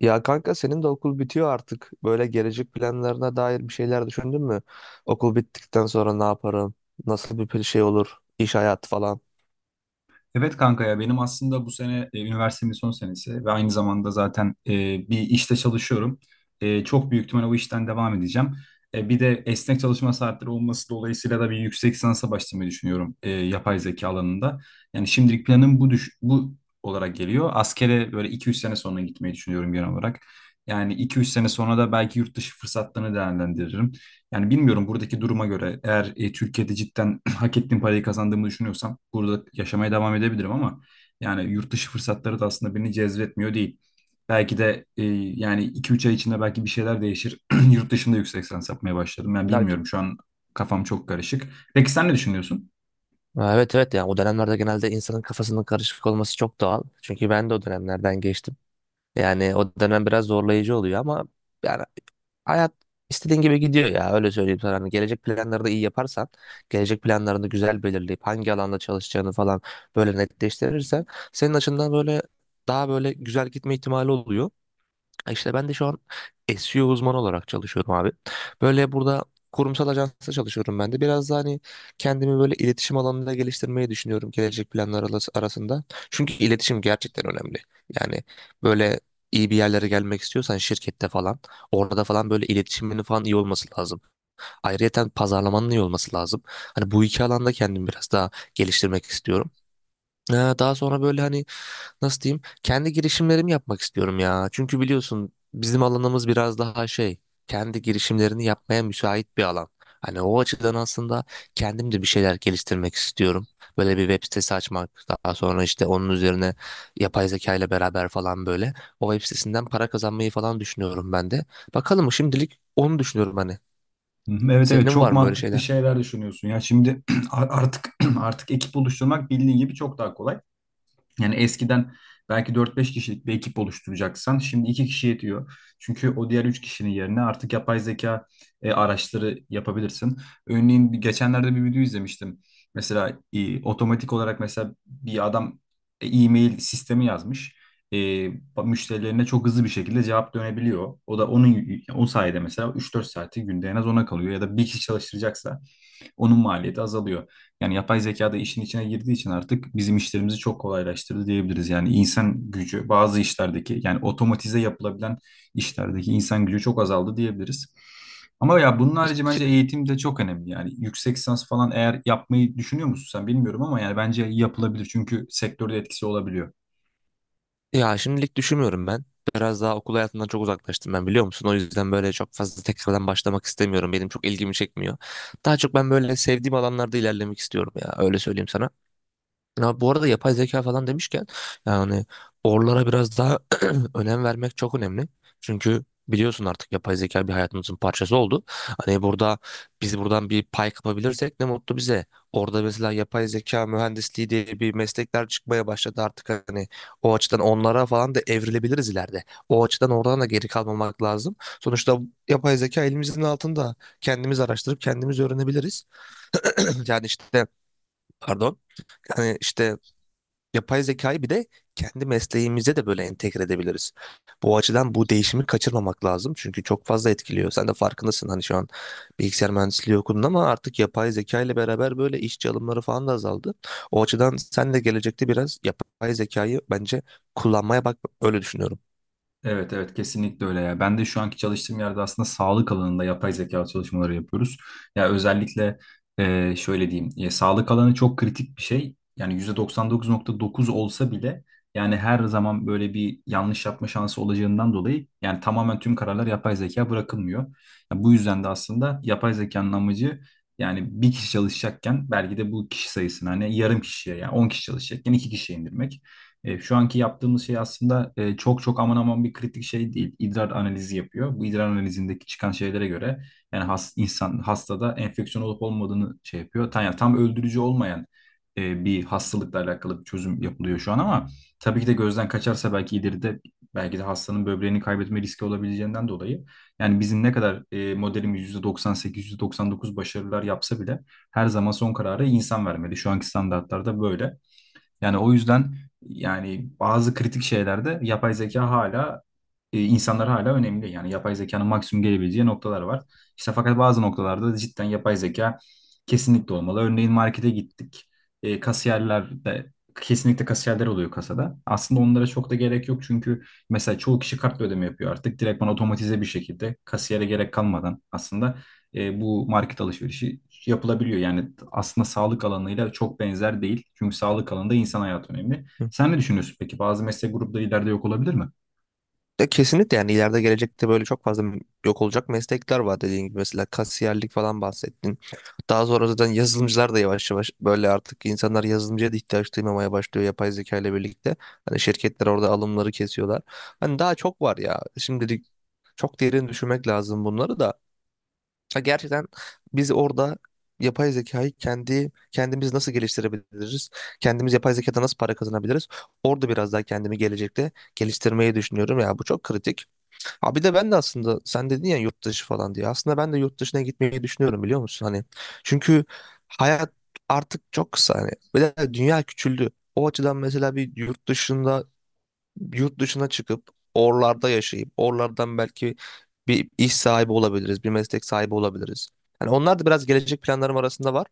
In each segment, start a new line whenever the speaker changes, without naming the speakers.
Ya kanka senin de okul bitiyor artık. Böyle gelecek planlarına dair bir şeyler düşündün mü? Okul bittikten sonra ne yaparım? Nasıl bir şey olur? İş hayatı falan.
Evet kanka ya benim aslında bu sene üniversitemin son senesi ve aynı zamanda zaten bir işte çalışıyorum. Çok büyük ihtimal o işten devam edeceğim. Bir de esnek çalışma saatleri olması dolayısıyla da bir yüksek lisansa başlamayı düşünüyorum yapay zeka alanında. Yani şimdilik planım bu olarak geliyor. Askere böyle 2-3 sene sonra gitmeyi düşünüyorum genel olarak. Yani 2-3 sene sonra da belki yurt dışı fırsatlarını değerlendiririm. Yani bilmiyorum, buradaki duruma göre eğer Türkiye'de cidden hak ettiğim parayı kazandığımı düşünüyorsam burada yaşamaya devam edebilirim ama yani yurt dışı fırsatları da aslında beni cezbetmiyor değil. Belki de yani 2-3 ay içinde belki bir şeyler değişir. Yurt dışında yüksek lisans yapmaya başlarım. Ben
Belki...
bilmiyorum, şu an kafam çok karışık. Peki sen ne düşünüyorsun?
Ha, evet evet, yani o dönemlerde genelde insanın kafasının karışık olması çok doğal. Çünkü ben de o dönemlerden geçtim. Yani o dönem biraz zorlayıcı oluyor ama yani hayat istediğin gibi gidiyor ya, öyle söyleyeyim sana. Hani gelecek planları da iyi yaparsan, gelecek planlarını güzel belirleyip hangi alanda çalışacağını falan böyle netleştirirsen senin açından böyle daha böyle güzel gitme ihtimali oluyor. Ha, İşte ben de şu an SEO uzmanı olarak çalışıyorum abi. Böyle burada kurumsal ajansta çalışıyorum ben de. Biraz da hani kendimi böyle iletişim alanında geliştirmeyi düşünüyorum gelecek planlar arasında. Çünkü iletişim gerçekten önemli. Yani böyle iyi bir yerlere gelmek istiyorsan şirkette falan orada falan böyle iletişiminin falan iyi olması lazım. Ayrıyeten pazarlamanın iyi olması lazım. Hani bu iki alanda kendimi biraz daha geliştirmek istiyorum. Ee, Daha sonra böyle hani nasıl diyeyim kendi girişimlerimi yapmak istiyorum ya. Çünkü biliyorsun bizim alanımız biraz daha şey, kendi girişimlerini yapmaya müsait bir alan. Hani o açıdan aslında kendim de bir şeyler geliştirmek istiyorum. Böyle bir web sitesi açmak, daha sonra işte onun üzerine yapay zeka ile beraber falan böyle o web sitesinden para kazanmayı falan düşünüyorum ben de. Bakalım, şimdilik onu düşünüyorum hani.
Hı hı, evet evet,
Senin
çok
var mı böyle
mantıklı
şeyler?
şeyler düşünüyorsun. Ya şimdi artık artık ekip oluşturmak bildiğin gibi çok daha kolay. Yani eskiden belki dört beş kişilik bir ekip oluşturacaksan şimdi 2 kişi yetiyor. Çünkü o diğer 3 kişinin yerine artık yapay zeka araçları yapabilirsin. Örneğin geçenlerde bir video izlemiştim. Mesela otomatik olarak mesela bir adam e-mail sistemi yazmış. E, Müşterilerine çok hızlı bir şekilde cevap dönebiliyor. O da onun o sayede mesela 3-4 saati günde en az ona kalıyor, ya da bir kişi çalıştıracaksa onun maliyeti azalıyor. Yani yapay zeka da işin içine girdiği için artık bizim işlerimizi çok kolaylaştırdı diyebiliriz. Yani insan gücü bazı işlerdeki, yani otomatize yapılabilen işlerdeki insan gücü çok azaldı diyebiliriz. Ama ya bunun harici bence eğitim de çok önemli. Yani yüksek lisans falan eğer yapmayı düşünüyor musun, sen bilmiyorum ama yani bence yapılabilir çünkü sektörde etkisi olabiliyor.
Ya şimdilik düşünmüyorum ben. Biraz daha okul hayatından çok uzaklaştım ben, biliyor musun? O yüzden böyle çok fazla tekrardan başlamak istemiyorum. Benim çok ilgimi çekmiyor. Daha çok ben böyle sevdiğim alanlarda ilerlemek istiyorum ya. Öyle söyleyeyim sana. Ya bu arada yapay zeka falan demişken yani oralara biraz daha önem vermek çok önemli. Çünkü biliyorsun artık yapay zeka bir hayatımızın parçası oldu. Hani burada biz buradan bir pay kapabilirsek ne mutlu bize. Orada mesela yapay zeka mühendisliği diye bir meslekler çıkmaya başladı artık, hani o açıdan onlara falan da evrilebiliriz ileride. O açıdan oradan da geri kalmamak lazım. Sonuçta yapay zeka elimizin altında, kendimiz araştırıp kendimiz öğrenebiliriz. Yani işte, pardon, yani işte yapay zekayı bir de kendi mesleğimize de böyle entegre edebiliriz. Bu açıdan bu değişimi kaçırmamak lazım. Çünkü çok fazla etkiliyor. Sen de farkındasın, hani şu an bilgisayar mühendisliği okudun ama artık yapay zeka ile beraber böyle işçi alımları falan da azaldı. O açıdan sen de gelecekte biraz yapay zekayı bence kullanmaya bak, öyle düşünüyorum.
Evet evet, kesinlikle öyle ya. Ben de şu anki çalıştığım yerde aslında sağlık alanında yapay zeka çalışmaları yapıyoruz. Ya özellikle şöyle diyeyim. Ya sağlık alanı çok kritik bir şey. Yani %99,9 olsa bile, yani her zaman böyle bir yanlış yapma şansı olacağından dolayı yani tamamen tüm kararlar yapay zeka bırakılmıyor. Ya bu yüzden de aslında yapay zekanın amacı, yani bir kişi çalışacakken belki de bu kişi sayısını hani yarım kişiye, yani 10 kişi çalışacakken 2 kişiye indirmek. Şu anki yaptığımız şey aslında çok çok aman aman bir kritik şey değil. İdrar analizi yapıyor. Bu idrar analizindeki çıkan şeylere göre yani insan hastada enfeksiyon olup olmadığını şey yapıyor. Yani tam öldürücü olmayan bir hastalıkla alakalı bir çözüm yapılıyor şu an ama tabii ki de gözden kaçarsa belki ileride, belki de hastanın böbreğini kaybetme riski olabileceğinden dolayı yani bizim ne kadar modelimiz %98, %99 başarılar yapsa bile her zaman son kararı insan vermeli. Şu anki standartlarda böyle. Yani o yüzden yani bazı kritik şeylerde yapay zeka hala, insanlar hala önemli. Yani yapay zekanın maksimum gelebileceği noktalar var. İşte fakat bazı noktalarda da cidden yapay zeka kesinlikle olmalı. Örneğin markete gittik. Kasiyerler de, kesinlikle kasiyerler oluyor kasada. Aslında onlara çok da gerek yok çünkü mesela çoğu kişi kartla ödeme yapıyor artık. Direktman otomatize bir şekilde kasiyere gerek kalmadan aslında bu market alışverişi yapılabiliyor. Yani aslında sağlık alanıyla çok benzer değil. Çünkü sağlık alanında insan hayatı önemli. Sen ne düşünüyorsun peki? Bazı meslek grupları ileride yok olabilir mi?
Ya kesinlikle, yani ileride gelecekte böyle çok fazla yok olacak meslekler var, dediğin gibi mesela kasiyerlik falan bahsettin. Daha sonra zaten yazılımcılar da yavaş yavaş böyle artık insanlar yazılımcıya da ihtiyaç duymamaya başlıyor yapay zeka ile birlikte. Hani şirketler orada alımları kesiyorlar. Hani daha çok var ya şimdilik, çok derin düşünmek lazım bunları da. Ha, gerçekten biz orada yapay zekayı kendi kendimiz nasıl geliştirebiliriz? Kendimiz yapay zekadan nasıl para kazanabiliriz? Orada biraz daha kendimi gelecekte geliştirmeyi düşünüyorum ya, bu çok kritik. Ha, bir de ben de aslında sen dedin ya yurt dışı falan diye. Aslında ben de yurt dışına gitmeyi düşünüyorum, biliyor musun? Hani çünkü hayat artık çok kısa hani. Bir de dünya küçüldü. O açıdan mesela bir yurt dışında yurt dışına çıkıp oralarda yaşayıp oralardan belki bir iş sahibi olabiliriz, bir meslek sahibi olabiliriz. Hani onlar da biraz gelecek planlarım arasında var.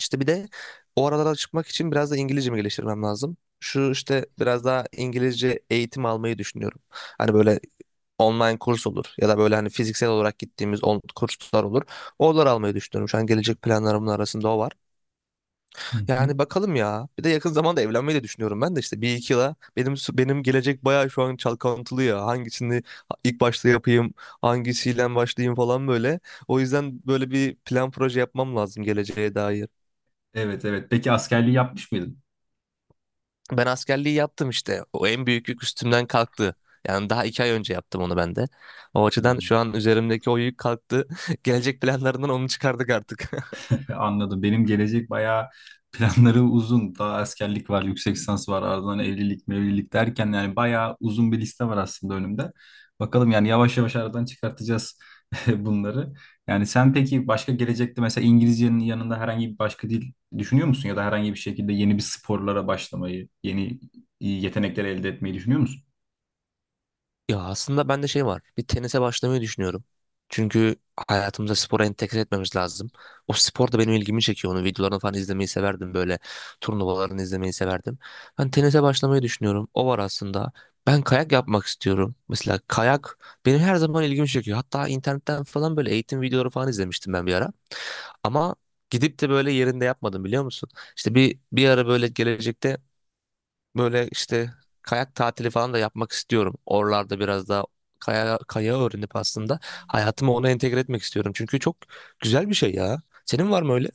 İşte bir de o aralara çıkmak için biraz da İngilizcemi geliştirmem lazım. Şu işte biraz daha İngilizce eğitim almayı düşünüyorum. Hani böyle online kurs olur ya da böyle hani fiziksel olarak gittiğimiz kurslar olur. Oraları almayı düşünüyorum. Şu an gelecek planlarımın arasında o var.
Hı hı.
Yani bakalım ya. Bir de yakın zamanda evlenmeyi de düşünüyorum ben de, işte bir iki yıla, benim gelecek bayağı şu an çalkantılı ya. Hangisini ilk başta yapayım, hangisiyle başlayayım falan böyle. O yüzden böyle bir plan proje yapmam lazım geleceğe dair.
Evet evet. Peki askerliği yapmış mıydın?
Ben askerliği yaptım işte. O en büyük yük üstümden kalktı. Yani daha 2 ay önce yaptım onu ben de. O açıdan
Hmm.
şu an üzerimdeki o yük kalktı. Gelecek planlarından onu çıkardık artık.
Anladım. Benim gelecek bayağı planları uzun. Daha askerlik var, yüksek lisans var, ardından evlilik, mevlilik derken yani bayağı uzun bir liste var aslında önümde. Bakalım, yani yavaş yavaş aradan çıkartacağız bunları. Yani sen peki başka gelecekte mesela İngilizcenin yanında herhangi bir başka dil düşünüyor musun? Ya da herhangi bir şekilde yeni bir sporlara başlamayı, yeni yetenekler elde etmeyi düşünüyor musun?
Ya aslında bende şey var. Bir tenise başlamayı düşünüyorum. Çünkü hayatımıza spora entegre etmemiz lazım. O spor da benim ilgimi çekiyor. Onun videolarını falan izlemeyi severdim böyle. Turnuvalarını izlemeyi severdim. Ben tenise başlamayı düşünüyorum. O var aslında. Ben kayak yapmak istiyorum. Mesela kayak benim her zaman ilgimi çekiyor. Hatta internetten falan böyle eğitim videoları falan izlemiştim ben bir ara. Ama gidip de böyle yerinde yapmadım, biliyor musun? İşte bir ara böyle gelecekte böyle işte kayak tatili falan da yapmak istiyorum. Oralarda biraz daha kaya, kaya öğrenip aslında hayatımı ona entegre etmek istiyorum. Çünkü çok güzel bir şey ya. Senin var mı öyle?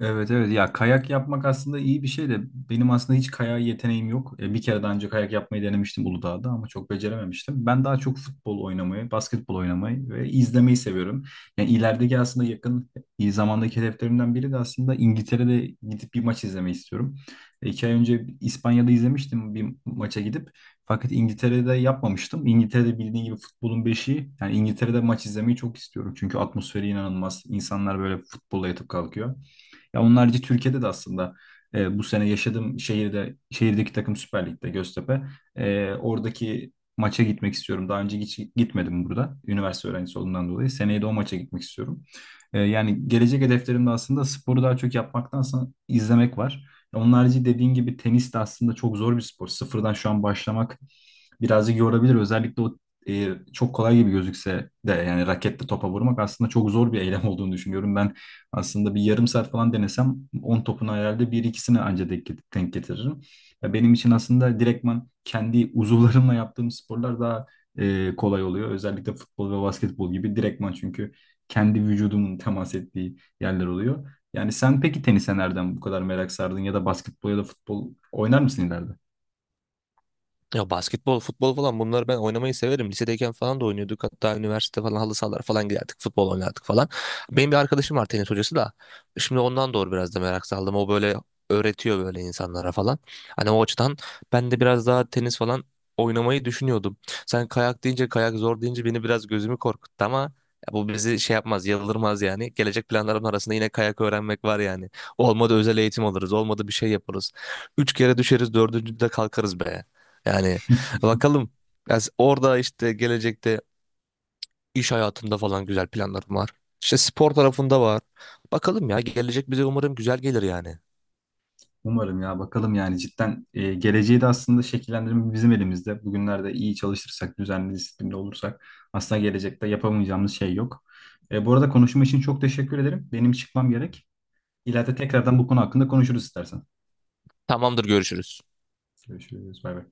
Evet evet, ya kayak yapmak aslında iyi bir şey de benim aslında hiç kayak yeteneğim yok. Bir kere daha önce kayak yapmayı denemiştim Uludağ'da ama çok becerememiştim. Ben daha çok futbol oynamayı, basketbol oynamayı ve izlemeyi seviyorum. Yani ilerideki aslında yakın iyi zamandaki hedeflerimden biri de aslında İngiltere'de gidip bir maç izlemeyi istiyorum. 2 ay önce İspanya'da izlemiştim bir maça gidip. Fakat İngiltere'de yapmamıştım. İngiltere'de bildiğin gibi futbolun beşiği. Yani İngiltere'de maç izlemeyi çok istiyorum. Çünkü atmosferi inanılmaz. İnsanlar böyle futbolla yatıp kalkıyor. Ya onun Türkiye'de de aslında bu sene yaşadığım şehirde, şehirdeki takım Süper Lig'de Göztepe. Oradaki maça gitmek istiyorum. Daha önce hiç gitmedim burada. Üniversite öğrencisi olduğumdan dolayı. Seneye de o maça gitmek istiyorum. Yani gelecek hedeflerimde aslında sporu daha çok yapmaktansa izlemek var. Onun harici dediğin gibi tenis de aslında çok zor bir spor. Sıfırdan şu an başlamak birazcık yorabilir. Özellikle o e, çok kolay gibi gözükse de yani raketle topa vurmak aslında çok zor bir eylem olduğunu düşünüyorum. Ben aslında bir yarım saat falan denesem 10 topun herhalde bir ikisine anca denk getiririm. Ya benim için aslında direktman kendi uzuvlarımla yaptığım sporlar daha kolay oluyor. Özellikle futbol ve basketbol gibi direktman, çünkü kendi vücudumun temas ettiği yerler oluyor. Yani sen peki tenise nereden bu kadar merak sardın, ya da basketbol ya da futbol oynar mısın ileride?
Ya basketbol, futbol falan bunları ben oynamayı severim. Lisedeyken falan da oynuyorduk. Hatta üniversite falan halı sahalar falan giderdik. Futbol oynardık falan. Benim bir arkadaşım var tenis hocası da. Şimdi ondan doğru biraz da merak saldım. O böyle öğretiyor böyle insanlara falan. Hani o açıdan ben de biraz daha tenis falan oynamayı düşünüyordum. Sen kayak deyince, kayak zor deyince beni biraz gözümü korkuttu ama ya bu bizi şey yapmaz, yıldırmaz yani. Gelecek planlarım arasında yine kayak öğrenmek var yani. Olmadı özel eğitim alırız, olmadı bir şey yaparız. 3 kere düşeriz, dördüncüde kalkarız be. Yani bakalım. Ya orada işte gelecekte iş hayatında falan güzel planlarım var. İşte spor tarafında var. Bakalım ya, gelecek bize umarım güzel gelir yani.
Umarım, ya bakalım yani cidden geleceği de aslında şekillendirme bizim elimizde. Bugünlerde iyi çalışırsak, düzenli, disiplinli olursak aslında gelecekte yapamayacağımız şey yok. Bu arada konuşma için çok teşekkür ederim. Benim çıkmam gerek. İleride tekrardan bu konu hakkında konuşuruz istersen.
Tamamdır, görüşürüz.
Görüşürüz. Bay bay.